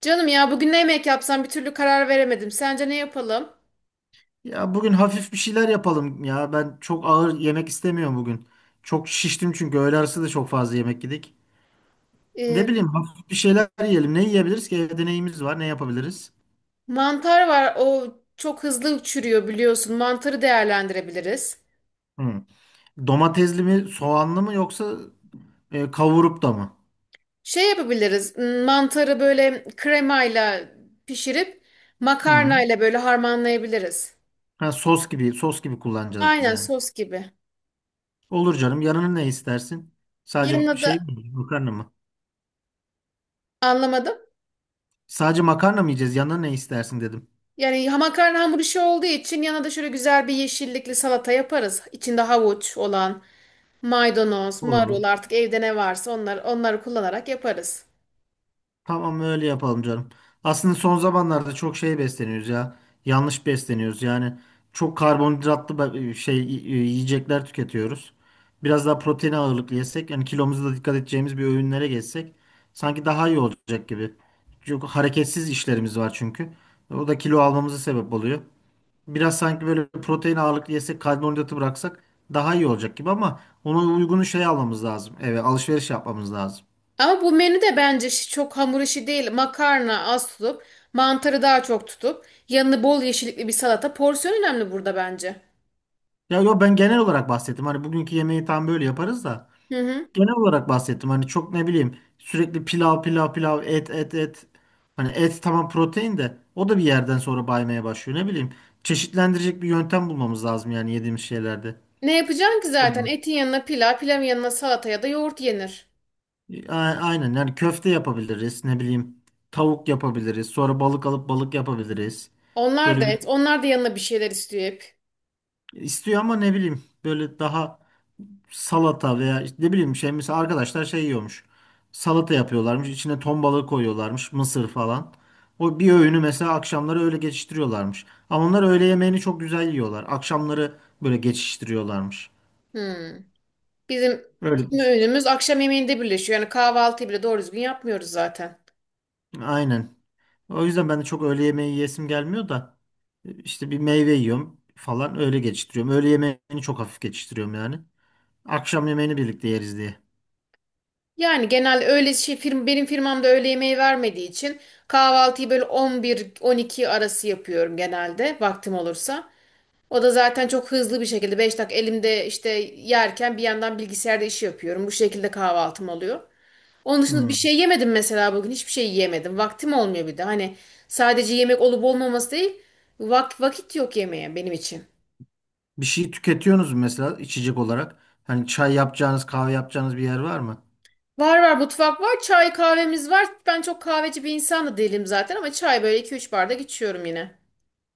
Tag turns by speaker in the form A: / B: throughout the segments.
A: Canım ya bugün ne yemek yapsam bir türlü karar veremedim. Sence ne yapalım?
B: Ya bugün hafif bir şeyler yapalım ya. Ben çok ağır yemek istemiyorum bugün. Çok şiştim çünkü öğle arası da çok fazla yemek yedik. Ne
A: Ee,
B: bileyim hafif bir şeyler yiyelim. Ne yiyebiliriz ki? Evde neyimiz var? Ne yapabiliriz?
A: Mantar var. O çok hızlı çürüyor biliyorsun. Mantarı değerlendirebiliriz.
B: Hı. Domatesli mi, soğanlı mı yoksa kavurup da mı?
A: Şey yapabiliriz. Mantarı böyle kremayla pişirip
B: Hı.
A: makarnayla böyle harmanlayabiliriz.
B: Ha, sos gibi, sos gibi kullanacağız
A: Aynen
B: yani.
A: sos gibi.
B: Olur canım. Yanına ne istersin? Sadece
A: Yanına
B: şey
A: da
B: mi? Makarna mı?
A: anlamadım.
B: Sadece makarna mı yiyeceğiz? Yanına ne istersin dedim.
A: Yani makarna hamur işi olduğu için yanına da şöyle güzel bir yeşillikli salata yaparız. İçinde havuç olan. Maydanoz, marul
B: Olur.
A: artık evde ne varsa onlar, onları kullanarak yaparız.
B: Tamam öyle yapalım canım. Aslında son zamanlarda çok şey besleniyoruz ya. Yanlış besleniyoruz. Yani çok karbonhidratlı yiyecekler tüketiyoruz. Biraz daha protein ağırlıklı yesek, yani kilomuza da dikkat edeceğimiz bir öğünlere geçsek sanki daha iyi olacak gibi. Çok hareketsiz işlerimiz var çünkü. O da kilo almamıza sebep oluyor. Biraz sanki böyle protein ağırlıklı yesek, karbonhidratı bıraksak daha iyi olacak gibi ama ona uygun şey almamız lazım. Evet, alışveriş yapmamız lazım.
A: Ama bu menü de bence çok hamur işi değil. Makarna az tutup, mantarı daha çok tutup, yanına bol yeşillikli bir salata. Porsiyon önemli burada bence.
B: Ya yo, ben genel olarak bahsettim. Hani bugünkü yemeği tam böyle yaparız da
A: Hı hı.
B: genel olarak bahsettim. Hani çok ne bileyim sürekli pilav pilav pilav et et et. Hani et tamam, protein de o da bir yerden sonra baymaya başlıyor. Ne bileyim çeşitlendirecek bir yöntem bulmamız lazım yani yediğimiz şeylerde.
A: Ne yapacaksın ki zaten?
B: Doğru.
A: Etin yanına pilav, pilavın yanına salata ya da yoğurt yenir.
B: A- Aynen, yani köfte yapabiliriz, ne bileyim tavuk yapabiliriz. Sonra balık alıp balık yapabiliriz.
A: Onlar da
B: Böyle bir
A: et, onlar da yanına bir şeyler istiyor hep.
B: istiyor ama ne bileyim böyle daha salata veya işte ne bileyim şey, mesela arkadaşlar şey yiyormuş. Salata yapıyorlarmış. İçine ton balığı koyuyorlarmış. Mısır falan. O bir öğünü mesela akşamları öyle geçiştiriyorlarmış. Ama onlar öğle yemeğini çok güzel yiyorlar. Akşamları böyle geçiştiriyorlarmış.
A: Hmm. Bizim
B: Öyle.
A: tüm
B: Bir şey.
A: öğünümüz akşam yemeğinde birleşiyor. Yani kahvaltıyı bile doğru düzgün yapmıyoruz zaten.
B: Aynen. O yüzden ben de çok öğle yemeği yiyesim gelmiyor da işte bir meyve yiyorum falan, öyle geçiştiriyorum. Öğle yemeğini çok hafif geçiştiriyorum yani. Akşam yemeğini birlikte yeriz diye.
A: Yani genel öyle benim firmamda öğle yemeği vermediği için kahvaltıyı böyle 11-12 arası yapıyorum genelde vaktim olursa. O da zaten çok hızlı bir şekilde 5 dakika elimde işte yerken bir yandan bilgisayarda işi yapıyorum. Bu şekilde kahvaltım oluyor. Onun dışında bir
B: Hmm.
A: şey yemedim mesela bugün hiçbir şey yiyemedim. Vaktim olmuyor bir de hani sadece yemek olup olmaması değil vakit yok yemeğe benim için.
B: Bir şey tüketiyorsunuz mu mesela içecek olarak? Hani çay yapacağınız, kahve yapacağınız bir yer var mı?
A: Var var, mutfak var, çay kahvemiz var. Ben çok kahveci bir insan da değilim zaten ama çay böyle 2-3 bardak içiyorum yine.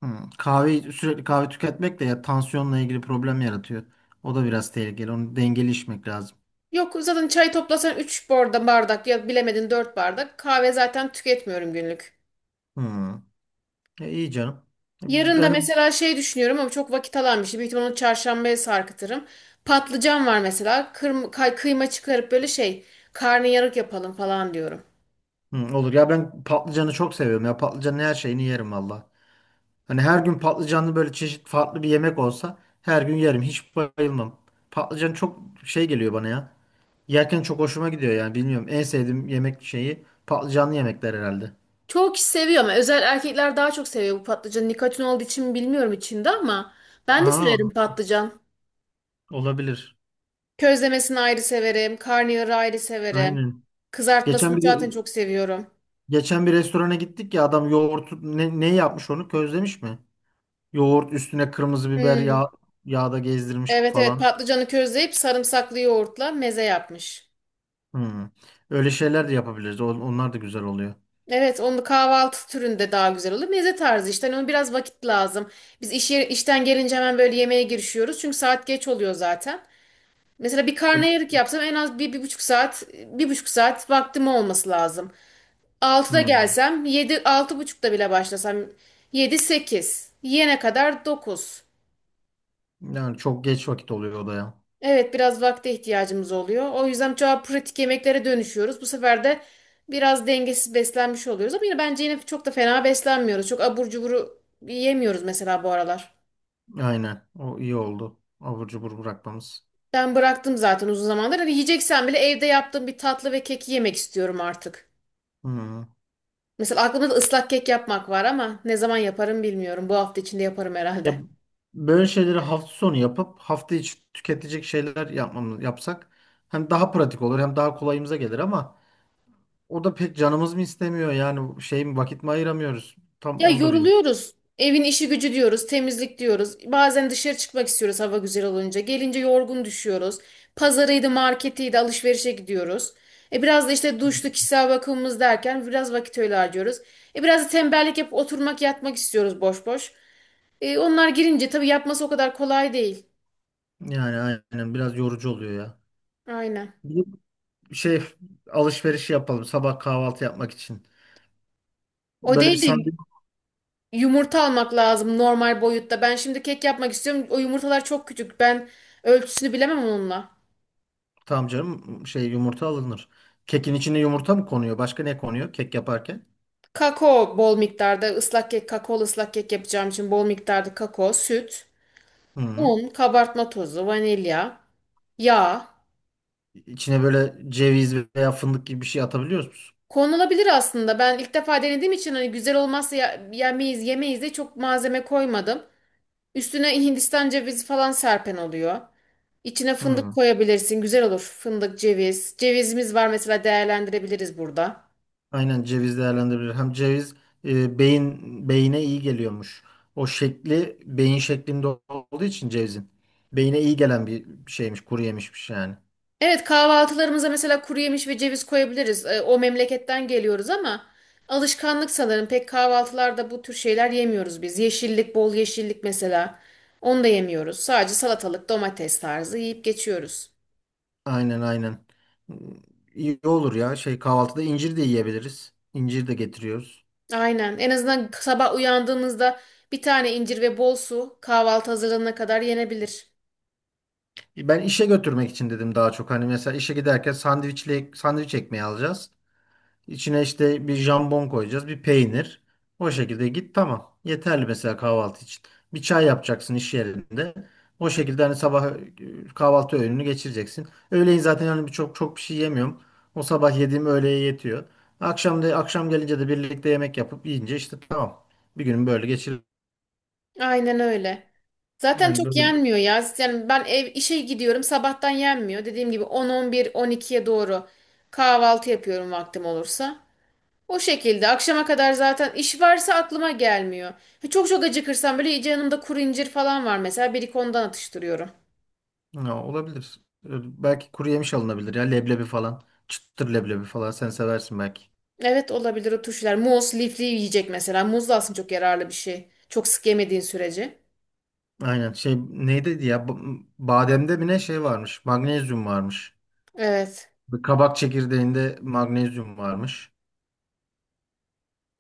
B: Hmm. Kahve, sürekli kahve tüketmek de ya tansiyonla ilgili problem yaratıyor. O da biraz tehlikeli. Onu dengeli içmek lazım.
A: Yok, zaten çay toplasan 3 bardak ya bilemedin 4 bardak. Kahve zaten tüketmiyorum günlük.
B: Hmm. E, iyi canım.
A: Yarın da
B: Ben
A: mesela şey düşünüyorum ama çok vakit alan bir şey. Büyük ihtimalle onu çarşambaya sarkıtırım. Patlıcan var mesela. Kıyma çıkarıp böyle şey karnıyarık yapalım falan diyorum.
B: Olur ya, ben patlıcanı çok seviyorum ya. Patlıcanın her şeyini yerim valla. Hani her gün patlıcanlı böyle çeşit farklı bir yemek olsa her gün yerim. Hiç bayılmam. Patlıcan çok şey geliyor bana ya. Yerken çok hoşuma gidiyor yani, bilmiyorum. En sevdiğim yemek şeyi patlıcanlı yemekler herhalde.
A: Çoğu kişi seviyor ama özel erkekler daha çok seviyor bu patlıcanı. Nikotin olduğu için mi bilmiyorum içinde ama ben de
B: Ha,
A: severim patlıcan.
B: olabilir.
A: Közlemesini ayrı severim. Karnıyarığı ayrı severim.
B: Aynen.
A: Kızartmasını
B: Geçen
A: zaten
B: bir
A: çok seviyorum.
B: geçen bir restorana gittik ya, adam yoğurt ne yapmış, onu közlemiş mi? Yoğurt üstüne kırmızı biber
A: Hmm.
B: yağda gezdirmiş
A: Evet evet
B: falan.
A: patlıcanı közleyip sarımsaklı yoğurtla meze yapmış.
B: Hmm. Öyle şeyler de yapabiliriz. Onlar da güzel oluyor.
A: Evet, onu kahvaltı türünde daha güzel olur. Meze tarzı işte, hani ona biraz vakit lazım. Biz işten gelince hemen böyle yemeğe girişiyoruz. Çünkü saat geç oluyor zaten. Mesela bir karnıyarık yapsam en az bir, 1,5 saat, 1,5 saat vaktim olması lazım. 6'da
B: Hmm.
A: gelsem, 7 altı buçukta bile başlasam, 7 8 yiyene kadar 9.
B: Yani çok geç vakit oluyor o da ya.
A: Evet, biraz vakte ihtiyacımız oluyor. O yüzden çoğu pratik yemeklere dönüşüyoruz. Bu sefer de biraz dengesiz beslenmiş oluyoruz. Ama yine bence yine çok da fena beslenmiyoruz. Çok abur cuburu yemiyoruz mesela bu aralar.
B: Aynen. O iyi oldu. Abur cubur bırakmamız.
A: Ben bıraktım zaten uzun zamandır. Hani yiyeceksen bile evde yaptığım bir tatlı ve keki yemek istiyorum artık.
B: Hmm.
A: Mesela aklımda da ıslak kek yapmak var ama ne zaman yaparım bilmiyorum. Bu hafta içinde yaparım
B: Ya
A: herhalde.
B: böyle şeyleri hafta sonu yapıp hafta içi tüketecek şeyler yapsak hem daha pratik olur hem daha kolayımıza gelir ama o da pek canımız mı istemiyor yani, şey mi vakit mi ayıramıyoruz? Tam
A: Ya,
B: onu da bilmiyorum.
A: yoruluyoruz. Evin işi gücü diyoruz, temizlik diyoruz. Bazen dışarı çıkmak istiyoruz hava güzel olunca. Gelince yorgun düşüyoruz. Pazarıydı, marketiydi, alışverişe gidiyoruz. Biraz da işte duşlu kişisel bakımımız derken biraz vakit öyle harcıyoruz. Biraz da tembellik yapıp oturmak, yatmak istiyoruz boş boş. Onlar girince tabii yapması o kadar kolay değil.
B: Yani aynen biraz yorucu oluyor ya.
A: Aynen.
B: Bir şey Alışveriş yapalım sabah kahvaltı yapmak için.
A: O
B: Böyle bir
A: değil de
B: sandviç.
A: yumurta almak lazım normal boyutta. Ben şimdi kek yapmak istiyorum. O yumurtalar çok küçük. Ben ölçüsünü bilemem onunla.
B: Tamam canım, şey, yumurta alınır. Kekin içine yumurta mı konuyor? Başka ne konuyor kek yaparken?
A: Kakao bol miktarda ıslak kek, kakaolu ıslak kek yapacağım için bol miktarda kakao, süt,
B: Hı.
A: un, kabartma tozu, vanilya, yağ.
B: İçine böyle ceviz veya fındık gibi bir şey atabiliyor musun?
A: Konulabilir aslında. Ben ilk defa denediğim için hani güzel olmazsa yemeyiz, yemeyiz de çok malzeme koymadım. Üstüne Hindistan cevizi falan serpen oluyor. İçine fındık
B: Hı.
A: koyabilirsin. Güzel olur. Fındık, ceviz. Cevizimiz var mesela, değerlendirebiliriz burada.
B: Aynen, ceviz değerlendirilir. Hem ceviz beyine iyi geliyormuş. O şekli beyin şeklinde olduğu için cevizin. Beyine iyi gelen bir şeymiş, kuru yemişmiş yani.
A: Evet, kahvaltılarımıza mesela kuru yemiş ve ceviz koyabiliriz. O memleketten geliyoruz ama alışkanlık sanırım. Pek kahvaltılarda bu tür şeyler yemiyoruz biz. Yeşillik, bol yeşillik mesela. Onu da yemiyoruz. Sadece salatalık, domates tarzı yiyip geçiyoruz.
B: Aynen, aynen. İyi olur ya. Şey, kahvaltıda incir de yiyebiliriz. İncir de getiriyoruz.
A: Aynen. En azından sabah uyandığımızda bir tane incir ve bol su kahvaltı hazırlanana kadar yenebilir.
B: Ben işe götürmek için dedim daha çok. Hani mesela işe giderken sandviç ekmeği alacağız. İçine işte bir jambon koyacağız, bir peynir. O şekilde git, tamam. Yeterli mesela kahvaltı için. Bir çay yapacaksın iş yerinde. O şekilde hani sabah kahvaltı öğününü geçireceksin. Öğleyin zaten hani çok çok bir şey yemiyorum. O sabah yediğim öğleye yetiyor. Akşam gelince de birlikte yemek yapıp yiyince işte tamam. Bir günün böyle geçir.
A: Aynen öyle. Zaten
B: Yani
A: çok
B: böyle
A: yenmiyor ya. Yani ben ev işe gidiyorum sabahtan yenmiyor. Dediğim gibi 10-11 12'ye doğru kahvaltı yapıyorum vaktim olursa. O şekilde akşama kadar zaten iş varsa aklıma gelmiyor. Çok çok acıkırsam böyle iyice yanımda kuru incir falan var mesela bir iki ondan atıştırıyorum.
B: ya, olabilir. Belki kuru yemiş alınabilir ya, leblebi falan. Çıtır leblebi falan sen seversin belki.
A: Evet olabilir, o turşular. Muz, lifli yiyecek mesela. Muz da aslında çok yararlı bir şey. Çok sık yemediğin sürece.
B: Aynen. Şey, neydi ya, bademde mi ne, şey varmış, magnezyum varmış.
A: Evet.
B: Bir kabak çekirdeğinde magnezyum varmış.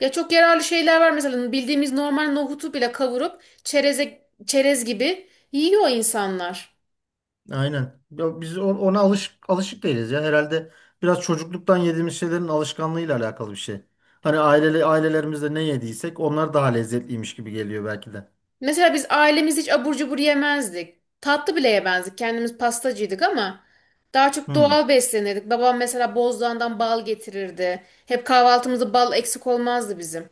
A: Ya çok yararlı şeyler var mesela bildiğimiz normal nohutu bile kavurup çereze, çerez gibi yiyor insanlar.
B: Aynen. Ya biz ona alışık değiliz ya herhalde, biraz çocukluktan yediğimiz şeylerin alışkanlığıyla alakalı bir şey. Hani ailelerimizde ne yediysek onlar daha lezzetliymiş gibi geliyor belki de.
A: Mesela biz ailemiz hiç abur cubur yemezdik. Tatlı bile yemezdik. Kendimiz pastacıydık ama daha çok
B: Hmm.
A: doğal beslenirdik. Babam mesela Bozdoğan'dan bal getirirdi. Hep kahvaltımızda bal eksik olmazdı bizim.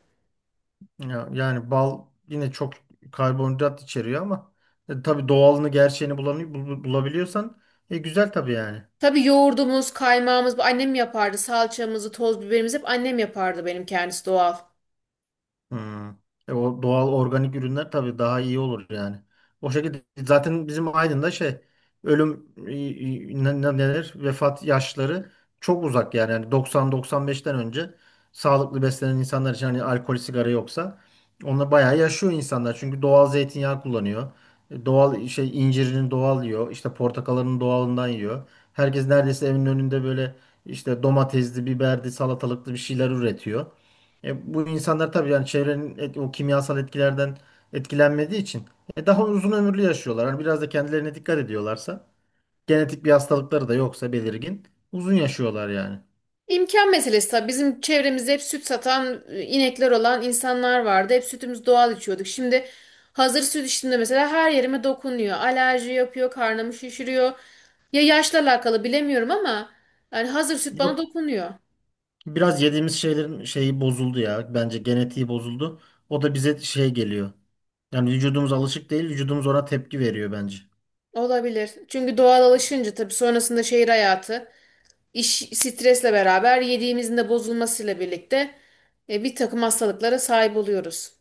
B: Ya, yani bal yine çok karbonhidrat içeriyor ama tabii doğalını, gerçeğini bulabiliyorsan güzel tabii yani.
A: Tabii yoğurdumuz, kaymağımız bu annem yapardı. Salçamızı, toz biberimizi hep annem yapardı, benim kendisi doğal.
B: Hmm. O doğal organik ürünler tabii daha iyi olur yani. O şekilde zaten bizim Aydın'da şey, ölüm neler, vefat yaşları çok uzak yani. Yani 90-95'ten önce sağlıklı beslenen insanlar için, hani alkol sigara yoksa onlar bayağı yaşıyor insanlar. Çünkü doğal zeytinyağı kullanıyor. Doğal şey, incirini doğal yiyor. İşte portakalının doğalından yiyor. Herkes neredeyse evinin önünde böyle işte domatesli, biberli, salatalıklı bir şeyler üretiyor. Bu insanlar tabii yani çevrenin o kimyasal etkilerden etkilenmediği için daha uzun ömürlü yaşıyorlar. Hani biraz da kendilerine dikkat ediyorlarsa, genetik bir hastalıkları da yoksa belirgin, uzun yaşıyorlar yani.
A: İmkan meselesi tabii. Bizim çevremizde hep süt satan, inekler olan insanlar vardı. Hep sütümüz doğal içiyorduk. Şimdi hazır süt içtiğimde mesela her yerime dokunuyor. Alerji yapıyor, karnımı şişiriyor. Ya yaşla alakalı bilemiyorum ama yani hazır süt bana
B: Yok.
A: dokunuyor.
B: Biraz yediğimiz şeylerin şeyi bozuldu ya. Bence genetiği bozuldu. O da bize şey geliyor. Yani vücudumuz alışık değil, vücudumuz ona tepki veriyor bence.
A: Olabilir. Çünkü doğal alışınca tabii sonrasında şehir hayatı, iş stresle beraber yediğimizin de bozulmasıyla birlikte bir takım hastalıklara sahip oluyoruz.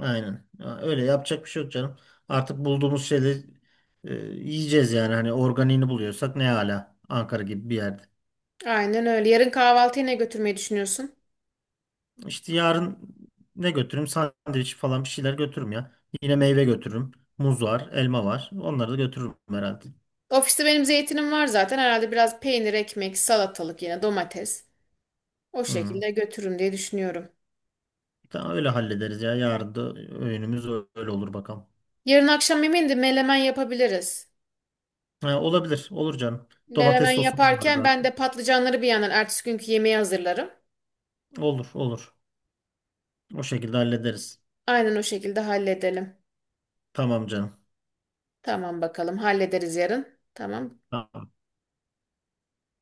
B: Aynen. Ya, öyle yapacak bir şey yok canım. Artık bulduğumuz şeyleri yiyeceğiz yani. Hani organiğini buluyorsak ne, hala Ankara gibi bir yerde.
A: Aynen öyle. Yarın kahvaltıya ne götürmeyi düşünüyorsun?
B: İşte yarın ne götürürüm? Sandviç falan, bir şeyler götürürüm ya. Yine meyve götürürüm. Muz var, elma var. Onları da götürürüm herhalde.
A: Ofiste benim zeytinim var zaten. Herhalde biraz peynir, ekmek, salatalık, yine domates. O
B: Hı.
A: şekilde götürürüm diye düşünüyorum.
B: Tamam, öyle hallederiz ya. Yarın da öğünümüz öyle olur bakalım.
A: Yarın akşam yemeğinde melemen yapabiliriz.
B: Ha, olabilir. Olur canım.
A: Melemen
B: Domates sosumuz var
A: yaparken ben
B: zaten.
A: de patlıcanları bir yandan ertesi günkü yemeği hazırlarım.
B: Olur, olur. O şekilde hallederiz.
A: Aynen o şekilde halledelim.
B: Tamam canım.
A: Tamam bakalım, hallederiz yarın. Tamam.
B: Tamam.